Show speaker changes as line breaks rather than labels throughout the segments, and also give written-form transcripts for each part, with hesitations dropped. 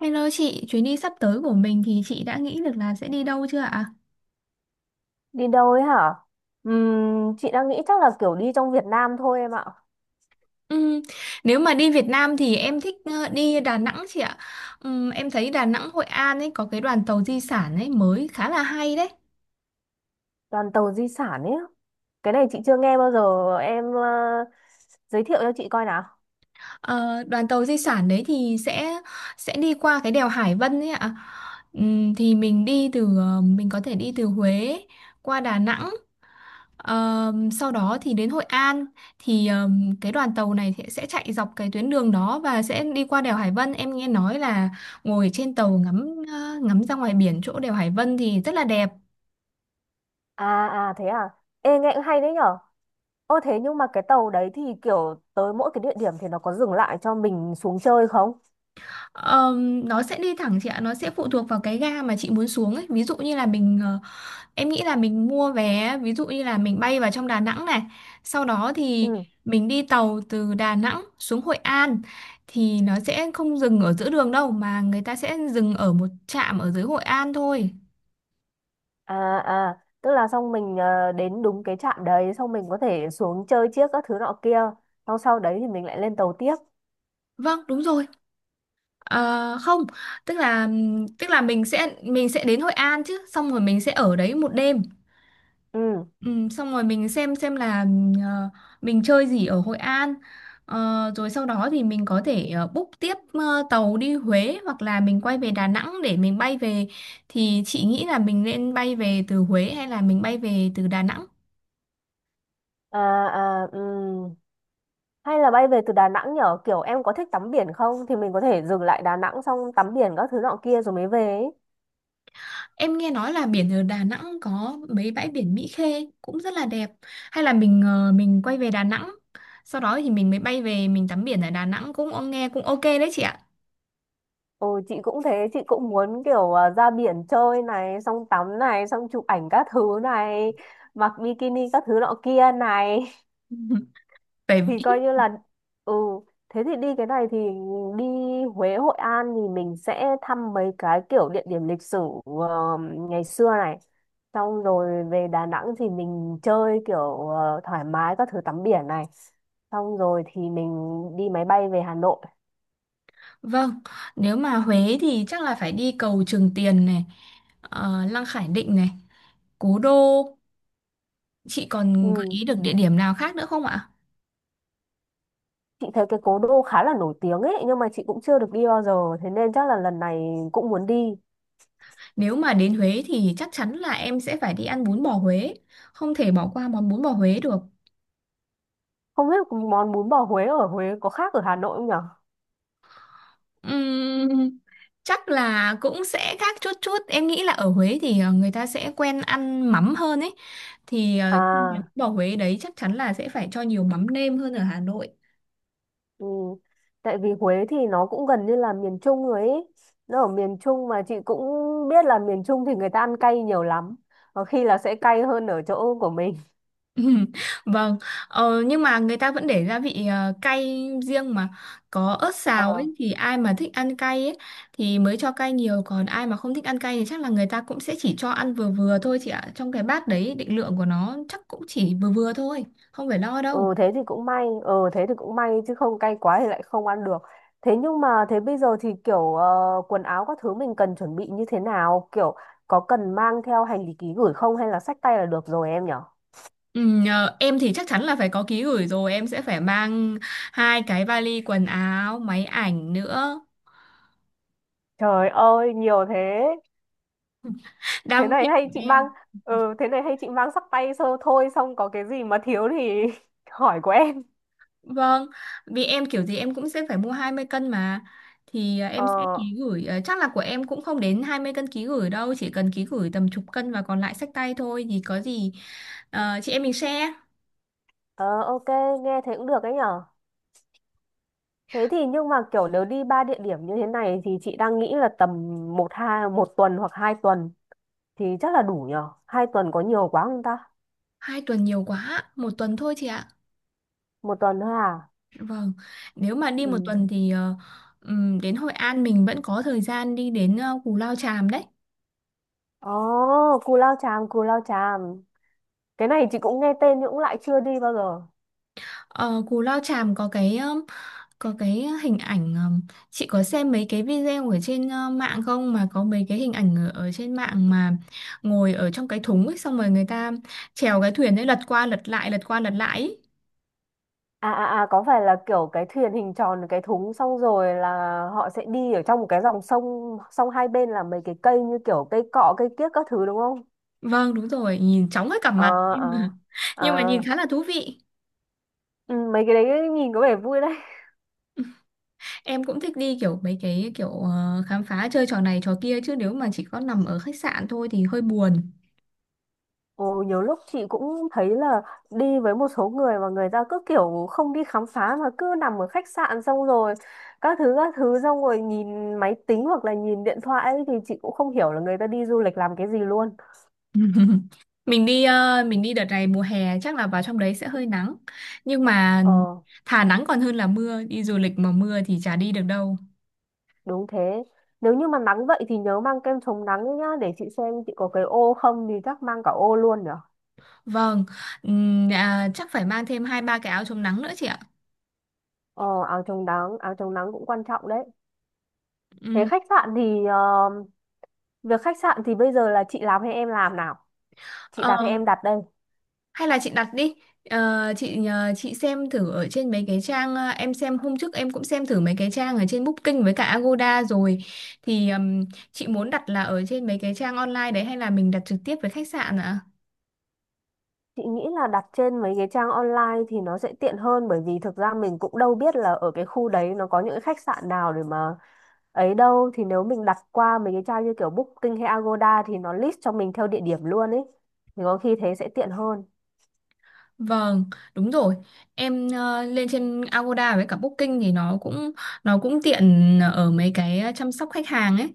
Hello chị, chuyến đi sắp tới của mình thì chị đã nghĩ được là sẽ đi đâu chưa ạ?
Đi đâu ấy hả? Chị đang nghĩ chắc là kiểu đi trong Việt Nam thôi em ạ.
Ừ, nếu mà đi Việt Nam thì em thích đi Đà Nẵng chị ạ. Em thấy Đà Nẵng Hội An ấy có cái đoàn tàu di sản ấy mới khá là hay đấy.
Đoàn tàu di sản ấy. Cái này chị chưa nghe bao giờ. Em giới thiệu cho chị coi nào.
Ờ, Đoàn tàu di sản đấy thì sẽ đi qua cái đèo Hải Vân ấy ạ. Thì mình có thể đi từ Huế qua Đà Nẵng. Sau đó thì đến Hội An, thì cái đoàn tàu này thì sẽ chạy dọc cái tuyến đường đó và sẽ đi qua đèo Hải Vân. Em nghe nói là ngồi trên tàu ngắm ra ngoài biển chỗ đèo Hải Vân thì rất là đẹp.
À à thế à. Ê nghe cũng hay đấy nhở. Ô thế nhưng mà cái tàu đấy thì kiểu tới mỗi cái địa điểm thì nó có dừng lại cho mình xuống chơi không?
Nó sẽ đi thẳng chị ạ, nó sẽ phụ thuộc vào cái ga mà chị muốn xuống ấy. Ví dụ như là mình ờ, Em nghĩ là mình mua vé, ví dụ như là mình bay vào trong Đà Nẵng này, sau đó thì
Ừ.
mình đi tàu từ Đà Nẵng xuống Hội An thì nó sẽ không dừng ở giữa đường đâu mà người ta sẽ dừng ở một trạm ở dưới Hội An thôi.
À à, tức là xong mình đến đúng cái trạm đấy xong mình có thể xuống chơi chiếc các thứ nọ kia. Xong sau đấy thì mình lại lên tàu tiếp.
Vâng, đúng rồi. Không, tức là tức là mình sẽ đến Hội An chứ, xong rồi mình sẽ ở đấy một đêm.
Ừ.
Ừ, xong rồi mình xem là ờ, mình chơi gì ở Hội An. Rồi sau đó thì mình có thể book tiếp tàu đi Huế hoặc là mình quay về Đà Nẵng để mình bay về, thì chị nghĩ là mình nên bay về từ Huế hay là mình bay về từ Đà Nẵng?
À à ừ. Hay là bay về từ Đà Nẵng nhở? Kiểu em có thích tắm biển không? Thì mình có thể dừng lại Đà Nẵng xong tắm biển các thứ nọ kia rồi mới về ấy.
Em nghe nói là biển ở Đà Nẵng có mấy bãi biển Mỹ Khê cũng rất là đẹp, hay là mình quay về Đà Nẵng sau đó thì mình mới bay về, mình tắm biển ở Đà Nẵng cũng ông nghe cũng ok đấy chị ạ.
Ừ, chị cũng thế, chị cũng muốn kiểu ra biển chơi này, xong tắm này, xong chụp ảnh các thứ này, mặc bikini các thứ nọ kia này.
Phải.
Thì coi như là, ừ, thế thì đi cái này thì đi Huế Hội An thì mình sẽ thăm mấy cái kiểu địa điểm lịch sử ờ, ngày xưa này, xong rồi về Đà Nẵng thì mình chơi kiểu thoải mái các thứ tắm biển này, xong rồi thì mình đi máy bay về Hà Nội.
Vâng, nếu mà Huế thì chắc là phải đi cầu Trường Tiền này, Lăng Khải Định này, Cố Đô. Chị còn gợi
Ừ.
ý được địa điểm nào khác nữa không ạ?
Chị thấy cái cố đô khá là nổi tiếng ấy nhưng mà chị cũng chưa được đi bao giờ thế nên chắc là lần này cũng muốn đi.
Nếu mà đến Huế thì chắc chắn là em sẽ phải đi ăn bún bò Huế. Không thể bỏ qua món bún bò Huế được.
Không biết món bún bò Huế ở Huế có khác ở Hà Nội không nhở.
Ừm, Chắc là cũng sẽ khác chút chút. Em nghĩ là ở Huế thì người ta sẽ quen ăn mắm hơn ấy. Thì Ừ. Bún
À.
bò Huế đấy chắc chắn là sẽ phải cho nhiều mắm nêm hơn ở Hà Nội.
Ừ. Tại vì Huế thì nó cũng gần như là miền Trung rồi ấy. Nó ở miền Trung mà chị cũng biết là miền Trung thì người ta ăn cay nhiều lắm. Có khi là sẽ cay hơn ở chỗ của mình.
Ừm, Vâng, nhưng mà người ta vẫn để gia vị cay riêng mà, có ớt xào
Ờ,
ấy thì ai mà thích ăn cay ấy thì mới cho cay nhiều, còn ai mà không thích ăn cay thì chắc là người ta cũng sẽ chỉ cho ăn vừa vừa thôi chị ạ. Trong cái bát đấy định lượng của nó chắc cũng chỉ vừa vừa thôi, không phải lo đâu.
ừ thế thì cũng may. Ừ thế thì cũng may chứ không cay quá thì lại không ăn được. Thế nhưng mà thế bây giờ thì kiểu quần áo các thứ mình cần chuẩn bị như thế nào? Kiểu có cần mang theo hành lý ký gửi không hay là xách tay là được rồi em nhở?
Ừ, em thì chắc chắn là phải có ký gửi rồi, em sẽ phải mang hai cái vali quần áo, máy ảnh nữa.
Trời ơi, nhiều thế. Thế
Đam mê
này hay
của
chị mang
em.
ừ Thế này hay chị mang sắc tay sơ thôi xong có cái gì mà thiếu thì hỏi của em.
Vâng, vì em kiểu gì em cũng sẽ phải mua 20 cân mà. Thì
Ờ,
em sẽ ký gửi, chắc là của em cũng không đến 20 cân ký gửi đâu, chỉ cần ký gửi tầm chục cân và còn lại xách tay thôi thì có gì chị em mình share.
ờ, ok, nghe thế cũng được ấy nhở. Thế thì nhưng mà kiểu nếu đi ba địa điểm như thế này thì chị đang nghĩ là tầm 1 tuần hoặc 2 tuần thì chắc là đủ nhở. 2 tuần có nhiều quá không ta?
2 tuần nhiều quá, một tuần thôi chị ạ.
1 tuần thôi à?
Vâng, nếu mà đi một
Ừ.
tuần thì đến Hội An mình vẫn có thời gian đi đến Cù Lao Chàm đấy.
Ồ, Cù Lao Chàm, Cù Lao Chàm. Cái này chị cũng nghe tên nhưng cũng lại chưa đi bao giờ.
Ờ, Cù Lao Chàm có cái hình ảnh. Chị có xem mấy cái video ở trên mạng không, mà có mấy cái hình ảnh ở trên mạng mà ngồi ở trong cái thúng ấy xong rồi người ta chèo cái thuyền ấy lật qua lật lại lật qua lật lại ấy.
À, à, à, có phải là kiểu cái thuyền hình tròn cái thúng xong rồi là họ sẽ đi ở trong một cái dòng sông sông hai bên là mấy cái cây như kiểu cây cọ cây kiếc các thứ đúng không?
Vâng đúng rồi, nhìn chóng hết cả mặt
Ờ
nhưng mà
ờ ờ,
nhưng mà nhìn khá là thú vị.
ừ, mấy cái đấy nhìn có vẻ vui đấy.
Em cũng thích đi kiểu mấy cái kiểu khám phá chơi trò này trò kia, chứ nếu mà chỉ có nằm ở khách sạn thôi thì hơi buồn.
Ồ nhiều lúc chị cũng thấy là đi với một số người mà người ta cứ kiểu không đi khám phá mà cứ nằm ở khách sạn xong rồi các thứ xong rồi nhìn máy tính hoặc là nhìn điện thoại ấy, thì chị cũng không hiểu là người ta đi du lịch làm cái gì luôn.
Mình đi đợt này mùa hè chắc là vào trong đấy sẽ hơi nắng, nhưng mà
Ờ.
thà nắng còn hơn là mưa, đi du lịch mà mưa thì chả đi được đâu.
Đúng thế. Nếu như mà nắng vậy thì nhớ mang kem chống nắng đấy nhá, để chị xem chị có cái ô không thì chắc mang cả ô luôn nhở.
Vâng, chắc phải mang thêm hai ba cái áo chống nắng nữa chị ạ.
Ờ, áo chống nắng cũng quan trọng đấy. Thế
Ừm,
khách sạn thì ờ, Việc khách sạn thì bây giờ là chị làm hay em làm nào? Chị
ờ,
đặt hay em đặt đây?
Hay là chị đặt đi. Chị nhờ chị xem thử ở trên mấy cái trang em xem hôm trước, em cũng xem thử mấy cái trang ở trên Booking với cả Agoda rồi, thì chị muốn đặt là ở trên mấy cái trang online đấy hay là mình đặt trực tiếp với khách sạn ạ?
Chị nghĩ là đặt trên mấy cái trang online thì nó sẽ tiện hơn bởi vì thực ra mình cũng đâu biết là ở cái khu đấy nó có những cái khách sạn nào để mà ấy đâu thì nếu mình đặt qua mấy cái trang như kiểu Booking hay Agoda thì nó list cho mình theo địa điểm luôn ấy. Thì có khi thế sẽ tiện hơn.
Vâng, đúng rồi. Em lên trên Agoda với cả Booking thì nó cũng tiện ở mấy cái chăm sóc khách hàng ấy.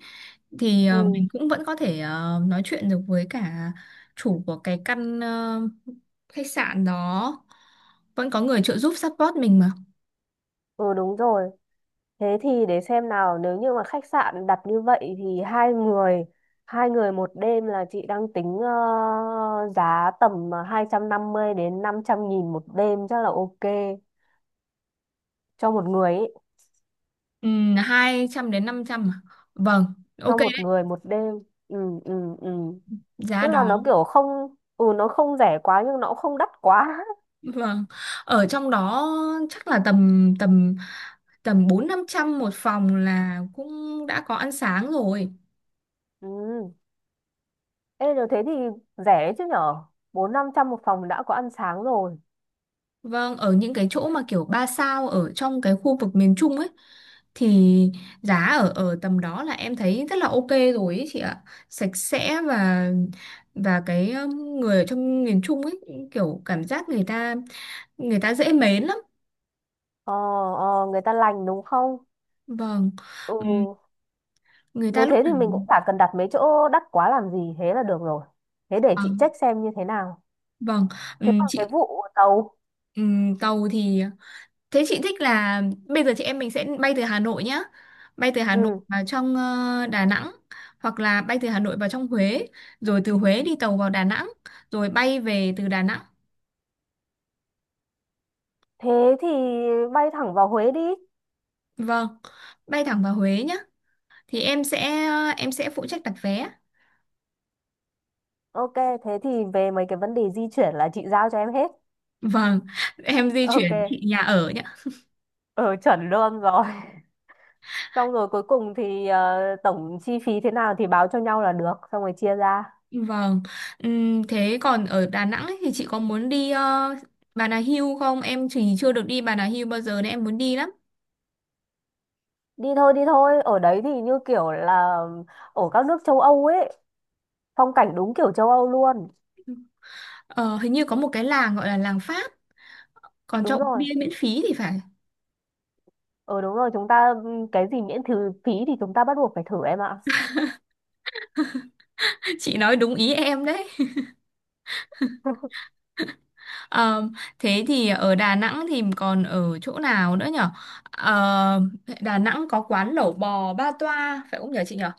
Thì
Ừ,
mình cũng vẫn có thể nói chuyện được với cả chủ của cái căn khách sạn đó. Vẫn có người trợ giúp support mình mà.
ừ đúng rồi. Thế thì để xem nào, nếu như mà khách sạn đặt như vậy thì hai người 1 đêm là chị đang tính giá tầm 250 đến 500.000 1 đêm chắc là ok cho một người ấy,
200 đến 500 à? Vâng, ok
cho
đấy,
một người 1 đêm. Ừ ừ ừ.
giá
Tức là
đó.
nó kiểu không ừ nó không rẻ quá nhưng nó cũng không đắt quá.
Vâng. Ở trong đó chắc là tầm tầm tầm bốn năm trăm một phòng là cũng đã có ăn sáng rồi.
Ừ. Ê rồi thế thì rẻ đấy chứ nhở? Bốn năm trăm một phòng đã có ăn sáng rồi.
Vâng, ở những cái chỗ mà kiểu 3 sao ở trong cái khu vực miền Trung ấy thì giá ở ở tầm đó là em thấy rất là ok rồi ấy chị ạ. Sạch sẽ, và cái người ở trong miền Trung ấy kiểu cảm giác người ta dễ mến lắm.
Ờ, ờ, người ta lành đúng không?
Vâng.
Ừ.
Ừm, Người ta
Nếu
lúc
thế
nào
thì mình cũng chả cần đặt mấy chỗ đắt quá làm gì, thế là được rồi. Thế để chị
vâng,
check xem như thế nào.
vâng.
Thế còn cái
Chị
vụ tàu,
tàu thì thế chị thích là bây giờ chị em mình sẽ bay từ Hà Nội nhá. Bay từ Hà Nội
ừ,
vào trong Đà Nẵng, hoặc là bay từ Hà Nội vào trong Huế, rồi từ Huế đi tàu vào Đà Nẵng, rồi bay về từ Đà Nẵng.
thế thì bay thẳng vào Huế đi.
Vâng, bay thẳng vào Huế nhá. Thì em sẽ phụ trách đặt vé.
Ok, thế thì về mấy cái vấn đề di chuyển là chị giao cho em hết.
Vâng, em di
Ok,
chuyển chị nhà ở nhá.
ừ, chuẩn luôn rồi. Xong rồi cuối cùng thì tổng chi phí thế nào thì báo cho nhau là được, xong rồi chia ra.
Vâng. Thế còn ở Đà Nẵng ấy, thì chị có muốn đi Bà Nà Hills không? Em chỉ chưa được đi Bà Nà Hills bao giờ nên em muốn đi lắm.
Đi thôi, ở đấy thì như kiểu là ở các nước châu Âu ấy, phong cảnh đúng kiểu châu Âu luôn.
Ờ, hình như có một cái làng gọi là làng Pháp còn cho
Đúng
uống
rồi.
bia miễn phí thì phải.
Ờ đúng rồi, chúng ta cái gì miễn thử phí thì chúng ta bắt buộc phải thử em ạ.
Chị nói đúng ý em đấy. Ờ, Thế thì ở Đà Nẵng thì còn ở chỗ nào nữa nhở? Ờ, Đà Nẵng có quán lẩu bò Ba Toa phải không nhở chị nhở,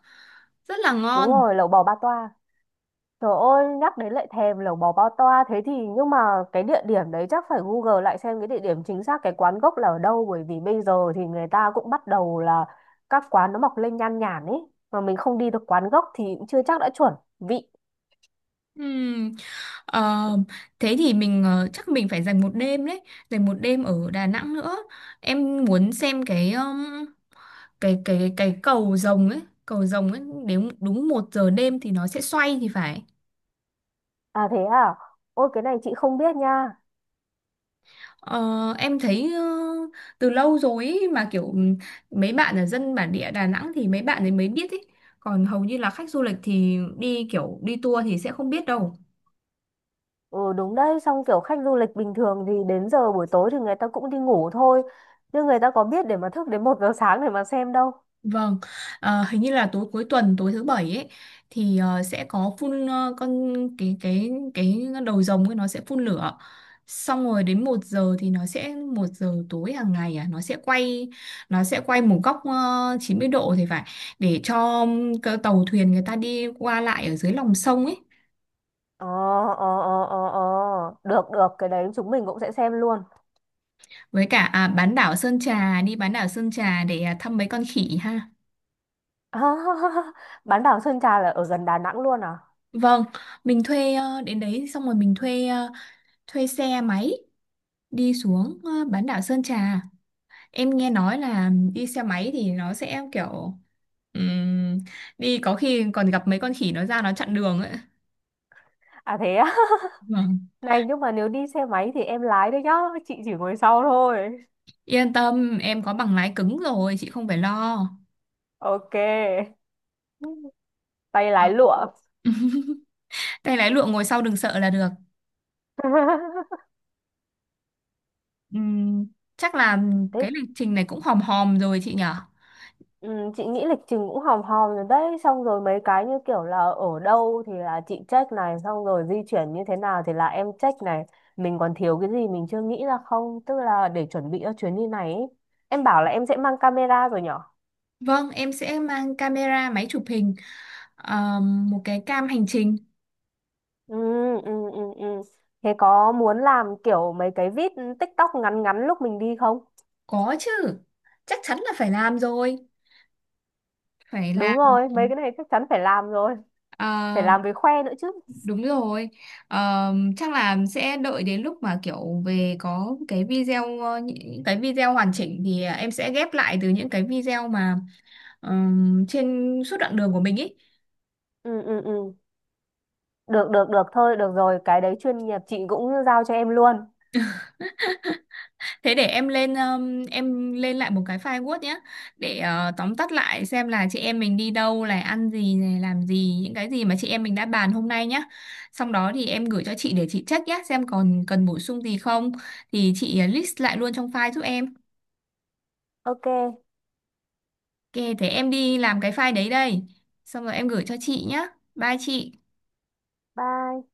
rất là
Đúng
ngon.
rồi, lẩu bò ba toa. Trời ơi, nhắc đến lại thèm lẩu bò ba toa thế thì nhưng mà cái địa điểm đấy chắc phải Google lại xem cái địa điểm chính xác cái quán gốc là ở đâu bởi vì bây giờ thì người ta cũng bắt đầu là các quán nó mọc lên nhan nhản ấy mà mình không đi được quán gốc thì cũng chưa chắc đã chuẩn vị.
Ừm, ờ, Thế thì chắc mình phải dành một đêm đấy, dành một đêm ở Đà Nẵng nữa. Em muốn xem cái cái cầu rồng ấy, cầu rồng ấy đến đúng 1 giờ đêm thì nó sẽ xoay thì phải.
À thế à? Ôi cái này chị không biết nha.
Ờ, em thấy từ lâu rồi ý, mà kiểu mấy bạn ở dân bản địa Đà Nẵng thì mấy bạn ấy mới biết ý. Còn hầu như là khách du lịch thì đi kiểu đi tour thì sẽ không biết đâu.
Ừ đúng đấy, xong kiểu khách du lịch bình thường thì đến giờ buổi tối thì người ta cũng đi ngủ thôi. Nhưng người ta có biết để mà thức đến 1 giờ sáng để mà xem đâu.
Vâng, hình như là tối cuối tuần tối thứ bảy ấy thì sẽ có phun ờ, con cái đầu rồng ấy nó sẽ phun lửa. Xong rồi đến 1 giờ thì nó sẽ 1 giờ tối hàng ngày à, nó sẽ quay một góc 90 độ thì phải, để cho cái tàu thuyền người ta đi qua lại ở dưới lòng sông ấy.
Ờ, ờ, ờ, ờ, ờ. Được, được, cái đấy chúng mình cũng sẽ xem luôn.
Với cả bán đảo Sơn Trà đi bán đảo Sơn Trà để thăm mấy con khỉ ha.
Bán đảo Sơn Trà là ở gần Đà Nẵng luôn à?
Vâng, đến đấy xong rồi mình thuê xe máy đi xuống bán đảo Sơn Trà. Em nghe nói là đi xe máy thì nó sẽ kiểu ừm, đi có khi còn gặp mấy con khỉ nó ra nó chặn đường ấy.
À thế á?
Vâng,
Này nhưng mà nếu đi xe máy thì em lái đấy nhá, chị chỉ ngồi sau thôi.
yên tâm em có bằng lái cứng rồi chị không phải lo.
Ok, tay
Ờ.
lái lụa.
Tay lái lụa ngồi sau đừng sợ là được. Ừm, Chắc là
Thế.
cái lịch trình này cũng hòm hòm rồi chị nhở.
Ừ, chị nghĩ lịch trình cũng hòm hòm rồi đấy, xong rồi mấy cái như kiểu là ở đâu thì là chị check này, xong rồi di chuyển như thế nào thì là em check này, mình còn thiếu cái gì mình chưa nghĩ ra không tức là để chuẩn bị cho chuyến đi này ý. Em bảo là em sẽ mang camera rồi nhở.
Vâng, em sẽ mang camera, máy chụp hình, một cái cam hành trình.
Ừ, ừ, ừ, ừ. Thế có muốn làm kiểu mấy cái vít TikTok ngắn ngắn lúc mình đi không?
Có chứ, chắc chắn là phải làm rồi, phải
Đúng
làm.
rồi, mấy cái này chắc chắn phải làm rồi, phải
Ờ,
làm với khoe nữa chứ.
Đúng rồi, chắc là sẽ đợi đến lúc mà kiểu về có những cái video hoàn chỉnh thì em sẽ ghép lại từ những cái video mà trên suốt đoạn đường của mình ý.
Ừ, ừ, ừ. Được được được, thôi được rồi cái đấy chuyên nghiệp chị cũng giao cho em luôn.
Thế để em lên lại một cái file Word nhé, để tóm tắt lại xem là chị em mình đi đâu, là ăn gì, này làm gì, những cái gì mà chị em mình đã bàn hôm nay nhé. Xong đó thì em gửi cho chị để chị check nhé, xem còn cần bổ sung gì không thì chị list lại luôn trong file giúp em.
Ok.
Ok, thế em đi làm cái file đấy đây. Xong rồi em gửi cho chị nhá. Bye chị.
Bye.